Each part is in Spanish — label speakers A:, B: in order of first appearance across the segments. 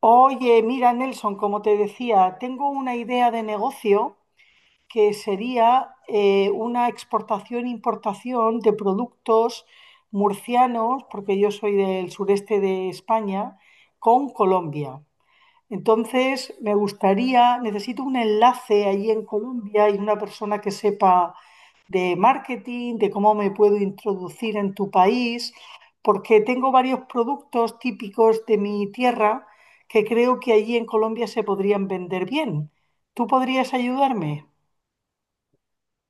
A: Oye, mira, Nelson, como te decía, tengo una idea de negocio que sería una exportación-importación de productos murcianos, porque yo soy del sureste de España, con Colombia. Entonces, me gustaría, necesito un enlace allí en Colombia y una persona que sepa de marketing, de cómo me puedo introducir en tu país, porque tengo varios productos típicos de mi tierra que creo que allí en Colombia se podrían vender bien. ¿Tú podrías ayudarme?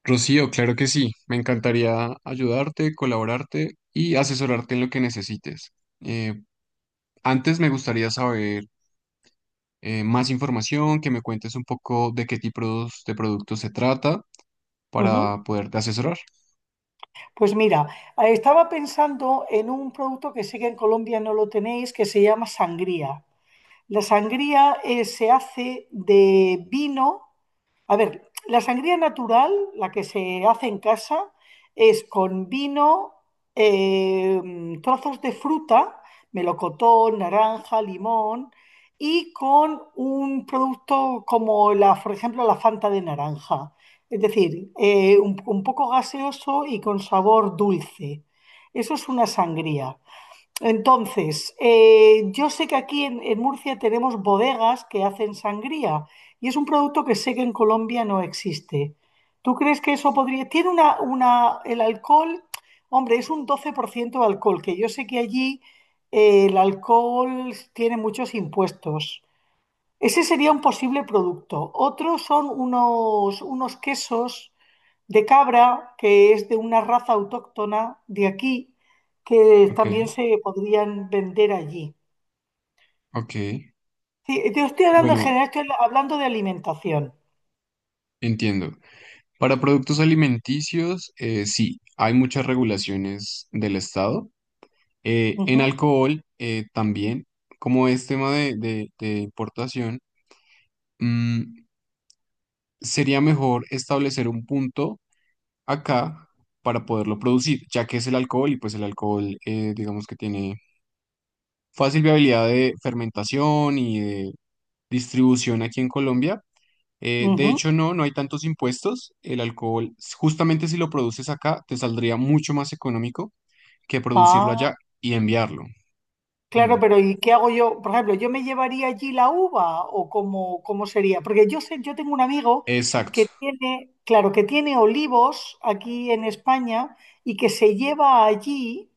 B: Rocío, claro que sí. Me encantaría ayudarte, colaborarte y asesorarte en lo que necesites. Eh, Antes me gustaría saber más información, que me cuentes un poco de qué tipos de productos se trata
A: Ujú.
B: para poderte asesorar.
A: Pues mira, estaba pensando en un producto que sé que en Colombia no lo tenéis, que se llama sangría. La sangría se hace de vino. A ver, la sangría natural, la que se hace en casa, es con vino, eh, trozos de fruta, melocotón, naranja, limón, y con un producto como por ejemplo, la Fanta de naranja. Es decir, un poco gaseoso y con sabor dulce. Eso es una sangría. Entonces, yo sé que aquí en Murcia tenemos bodegas que hacen sangría y es un producto que sé que en Colombia no existe. ¿Tú crees que eso podría... Tiene una- el alcohol, hombre, es un 12% de alcohol, que yo sé que allí el alcohol tiene muchos impuestos. Ese sería un posible producto. Otros son unos quesos de cabra, que es de una raza autóctona de aquí, que
B: Ok,
A: también se podrían vender allí.
B: ok.
A: Sí, yo estoy hablando en
B: Bueno,
A: general, estoy hablando de alimentación.
B: entiendo. Para productos alimenticios, sí, hay muchas regulaciones del Estado. En
A: Ujú,
B: alcohol, también, como es tema de importación. Mm, sería mejor establecer un punto acá para poderlo producir, ya que es el alcohol y pues el alcohol digamos que tiene fácil viabilidad de fermentación y de distribución aquí en Colombia. De
A: ujú.
B: hecho, no, no hay tantos impuestos. El alcohol, justamente si lo produces acá, te saldría mucho más económico que producirlo
A: Ah,
B: allá y enviarlo.
A: claro,
B: Mm,
A: pero ¿y qué hago yo? Por ejemplo, ¿yo me llevaría allí la uva o cómo, cómo sería? Porque yo sé, yo tengo un amigo
B: exacto,
A: que tiene, claro, que tiene olivos aquí en España y que se lleva allí.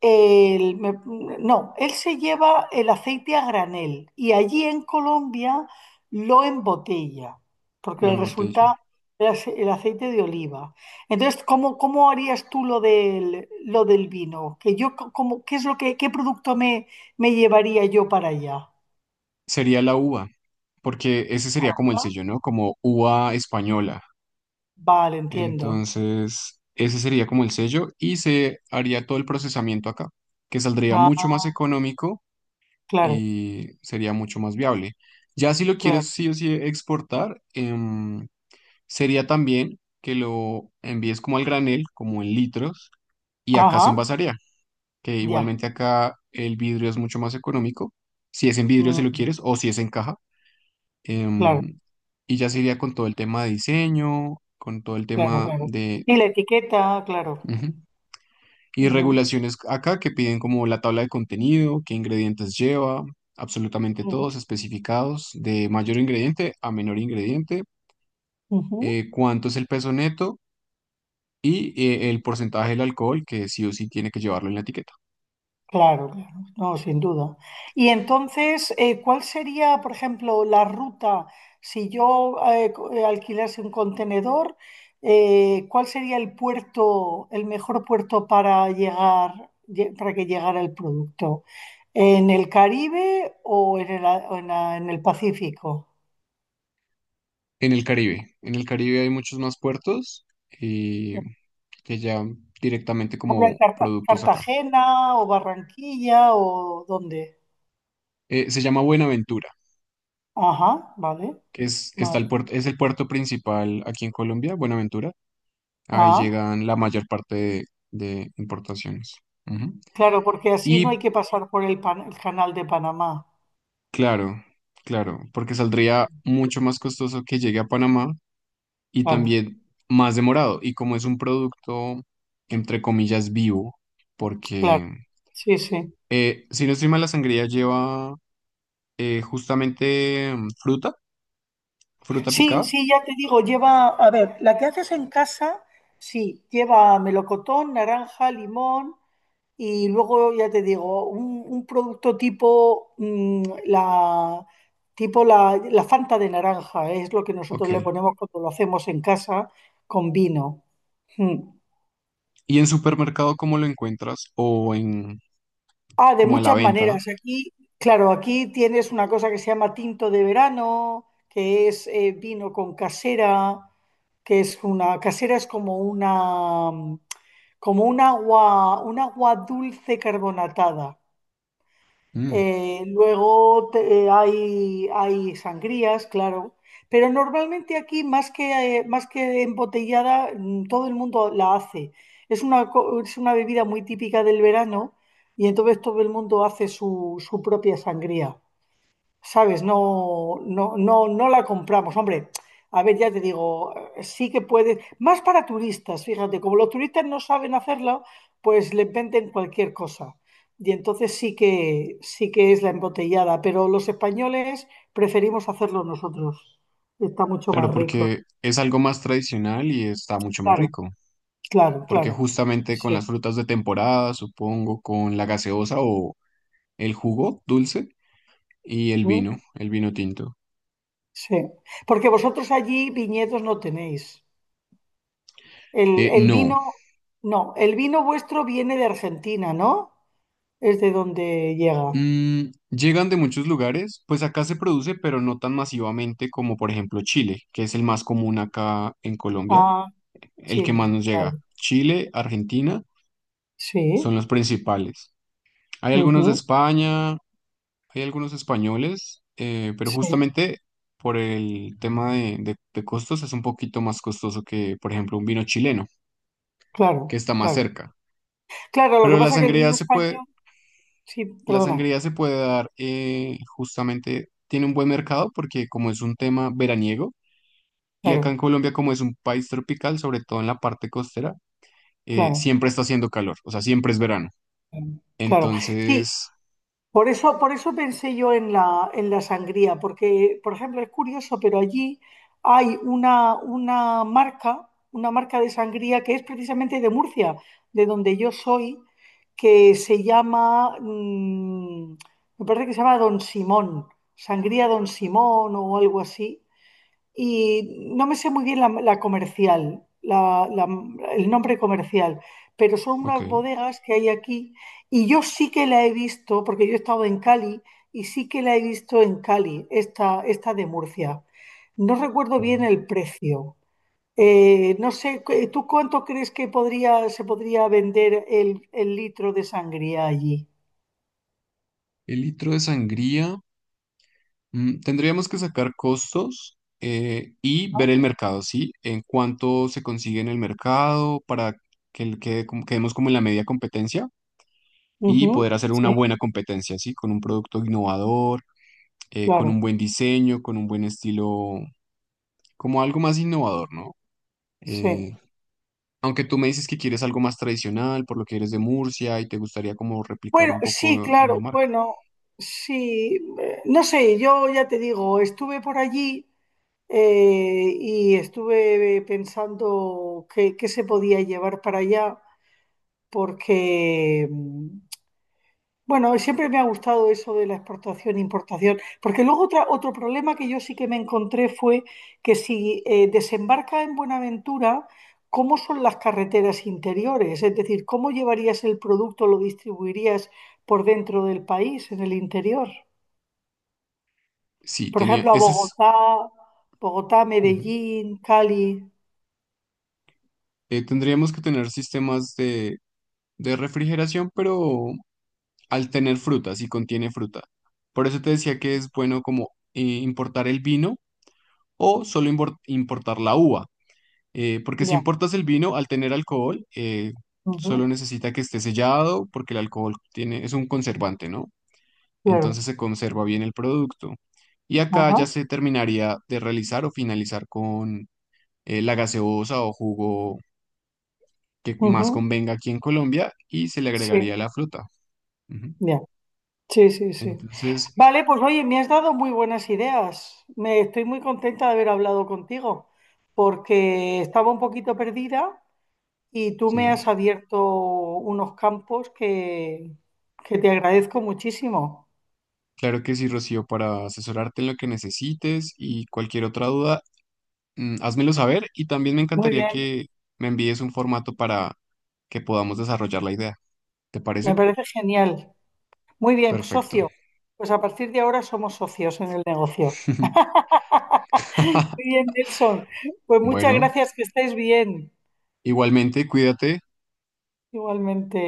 A: El- me- no, él se lleva el aceite a granel y allí en Colombia lo embotella, porque
B: lo
A: le
B: embotella.
A: resulta el ace- el aceite de oliva. Entonces, ¿cómo, cómo harías tú lo lo del vino? Que yo, como, ¿qué es lo que, qué producto me llevaría yo para allá?
B: Sería la uva, porque ese sería como el
A: Ah,
B: sello, ¿no? Como uva española.
A: vale, entiendo.
B: Entonces, ese sería como el sello y se haría todo el procesamiento acá, que saldría mucho
A: Ah,
B: más económico
A: claro,
B: y sería mucho más viable. Ya si lo
A: claro.
B: quieres sí o sí exportar, sería también que lo envíes como al granel, como en litros, y acá se
A: Ajá,
B: envasaría, que
A: ya.
B: igualmente acá el vidrio es mucho más económico, si es en vidrio si lo
A: Mm,
B: quieres o si es en caja.
A: claro,
B: em, y ya se iría con todo el tema de diseño, con todo el
A: claro,
B: tema
A: claro.
B: de...
A: Y la etiqueta, claro.
B: Ujú. Y
A: Ujú,
B: regulaciones acá que piden como la tabla de contenido, qué ingredientes lleva, absolutamente
A: ujú,
B: todos especificados, de mayor ingrediente a menor ingrediente,
A: ujú.
B: cuánto es el peso neto y el porcentaje del alcohol que sí o sí tiene que llevarlo en la etiqueta.
A: Claro, claro, no, sin duda. Y entonces, ¿cuál sería, por ejemplo, la ruta si yo alquilase un contenedor? ¿Cuál sería el puerto, el mejor puerto para llegar, para que llegara el producto? ¿En el Caribe o en o en en el Pacífico?
B: En el Caribe hay muchos más puertos eh, que ya directamente
A: Por ejemplo, en
B: como productos acá.
A: Cartagena o Barranquilla o ¿dónde?
B: Se llama Buenaventura,
A: Ajá, vale,
B: que es, está
A: vale.
B: el puerto, es el puerto principal aquí en Colombia, Buenaventura. Ahí
A: Ah.
B: llegan la mayor parte de importaciones. Ujú.
A: Claro, porque así no hay
B: Y
A: que pasar por el pan- el canal de Panamá.
B: claro, claro, porque saldría mucho más costoso que llegue a Panamá y
A: Claro,
B: también más demorado. Y como es un producto, entre comillas, vivo,
A: claro.
B: porque
A: Sí, sí.
B: si no estoy mal, la sangría lleva justamente fruta, fruta
A: Sí,
B: picada.
A: sí, ya te digo, lleva, a ver, la que haces en casa, sí, lleva melocotón, naranja, limón y luego, ya te digo, un producto tipo, tipo la Fanta de naranja, es lo que nosotros le
B: Ok.
A: ponemos cuando lo hacemos en casa con vino. Mm.
B: ¿Y en supermercado cómo lo encuentras? O en
A: Ah, de
B: como a la
A: muchas
B: venta.
A: maneras. Aquí, claro, aquí tienes una cosa que se llama tinto de verano, que es vino con casera, que es una, casera es como una, como un agua dulce carbonatada.
B: Mm.
A: Luego hay sangrías, claro. Pero normalmente aquí, más que embotellada, mm, todo el mundo la hace. Es una bebida muy típica del verano y entonces todo el mundo hace su propia sangría. ¿Sabes? No, no, no, no la compramos. Hombre, a ver, ya te digo, sí que puedes, más para turistas, fíjate, como los turistas no saben hacerla, pues les venden cualquier cosa. Y entonces sí que es la embotellada, pero los españoles preferimos hacerlo nosotros. Está mucho
B: Claro,
A: más rico.
B: porque es algo más tradicional y está mucho más
A: Claro,
B: rico,
A: claro,
B: porque
A: claro.
B: justamente con
A: Sí.
B: las frutas de temporada, supongo, con la gaseosa o el jugo dulce y
A: ¿Mm?
B: el vino tinto.
A: Sí. Porque vosotros allí viñedos no tenéis. El
B: No,
A: vino, no, el vino vuestro viene de Argentina, ¿no? Es de donde llega.
B: mm, llegan de muchos lugares, pues acá se produce, pero no tan masivamente como por ejemplo Chile, que es el más común acá en Colombia,
A: Ah,
B: el que más
A: Chile,
B: nos llega.
A: vale.
B: Chile, Argentina son
A: Sí,
B: los principales. Hay algunos de
A: ujú,
B: España, hay algunos españoles, pero
A: sí,
B: justamente por el tema de costos es un poquito más costoso que, por ejemplo, un vino chileno, que
A: claro,
B: está más
A: claro.
B: cerca.
A: Claro, lo
B: Pero
A: que
B: la
A: pasa es que el
B: sangría
A: vino
B: se puede,
A: español, sí,
B: la
A: perdona,
B: sangría se puede dar justamente, tiene un buen mercado porque como es un tema veraniego, y acá en
A: claro,
B: Colombia como es un país tropical, sobre todo en la parte costera,
A: claro,
B: siempre está haciendo calor, o sea, siempre es verano.
A: claro. Sí,
B: Entonces,
A: por eso, por eso pensé yo en en la sangría, porque, por ejemplo, es curioso, pero allí hay una marca de sangría que es precisamente de Murcia, de donde yo soy, que se llama, mm, me parece que se llama Don Simón, Sangría Don Simón o algo así, y no me sé muy bien la comercial, el nombre comercial, pero son unas
B: ok.
A: bodegas que hay aquí y yo sí que la he visto, porque yo he estado en Cali y sí que la he visto en Cali, esta de Murcia. No recuerdo bien
B: Mm.
A: el precio. No sé, ¿tú cuánto crees que podría, se podría vender el litro de sangría allí?
B: El litro de sangría. Mm, tendríamos que sacar costos y ver el
A: ¿No?
B: mercado, ¿sí? En cuánto se consigue en el mercado para que quede quedemos como en la media competencia y
A: Ujú,
B: poder hacer una
A: sí,
B: buena competencia, ¿sí? Con un producto innovador, con un
A: claro,
B: buen diseño, con un buen estilo, como algo más innovador, ¿no?
A: sí.
B: Eh, Aunque tú me dices que quieres algo más tradicional, por lo que eres de Murcia y te gustaría como replicar
A: Bueno,
B: un
A: sí,
B: poco en la
A: claro,
B: marca.
A: bueno, sí, no sé, yo ya te digo, estuve por allí y estuve pensando qué, qué se podía llevar para allá, porque, mm, bueno, siempre me ha gustado eso de la exportación e importación, porque luego otro problema que yo sí que me encontré fue que si desembarca en Buenaventura, ¿cómo son las carreteras interiores? Es decir, ¿cómo llevarías el producto, lo distribuirías por dentro del país, en el interior?
B: Sí,
A: Por
B: tenía,
A: ejemplo, a
B: ese es...
A: Bogotá, Bogotá,
B: Ujú.
A: Medellín, Cali.
B: Tendríamos que tener sistemas de refrigeración, pero al tener fruta, si contiene fruta. Por eso te decía que es bueno como importar el vino o solo importar la uva, porque si
A: Ya.
B: importas el vino, al tener alcohol,
A: Ujú,
B: solo necesita que esté sellado, porque el alcohol tiene, es un conservante, ¿no?
A: claro.
B: Entonces se conserva bien el producto. Y acá
A: Ajá.
B: ya se terminaría de realizar o finalizar con la gaseosa o jugo que más
A: Ujú,
B: convenga aquí en Colombia y se le agregaría
A: sí.
B: la fruta. Ujú.
A: Ya. Sí, sí, sí.
B: Entonces,
A: Vale, pues oye, me has dado muy buenas ideas. Me estoy muy contenta de haber hablado contigo, porque estaba un poquito perdida y tú me
B: sí,
A: has abierto unos campos que te agradezco muchísimo.
B: claro que sí, Rocío, para asesorarte en lo que necesites y cualquier otra duda, házmelo saber y también me
A: Muy
B: encantaría
A: bien,
B: que me envíes un formato para que podamos desarrollar la idea. ¿Te
A: me
B: parece?
A: parece genial. Muy bien,
B: Perfecto.
A: socio. Pues a partir de ahora somos socios en el negocio. Muy bien, Nelson. Pues muchas
B: Bueno,
A: gracias, que estés bien.
B: igualmente, cuídate.
A: Igualmente.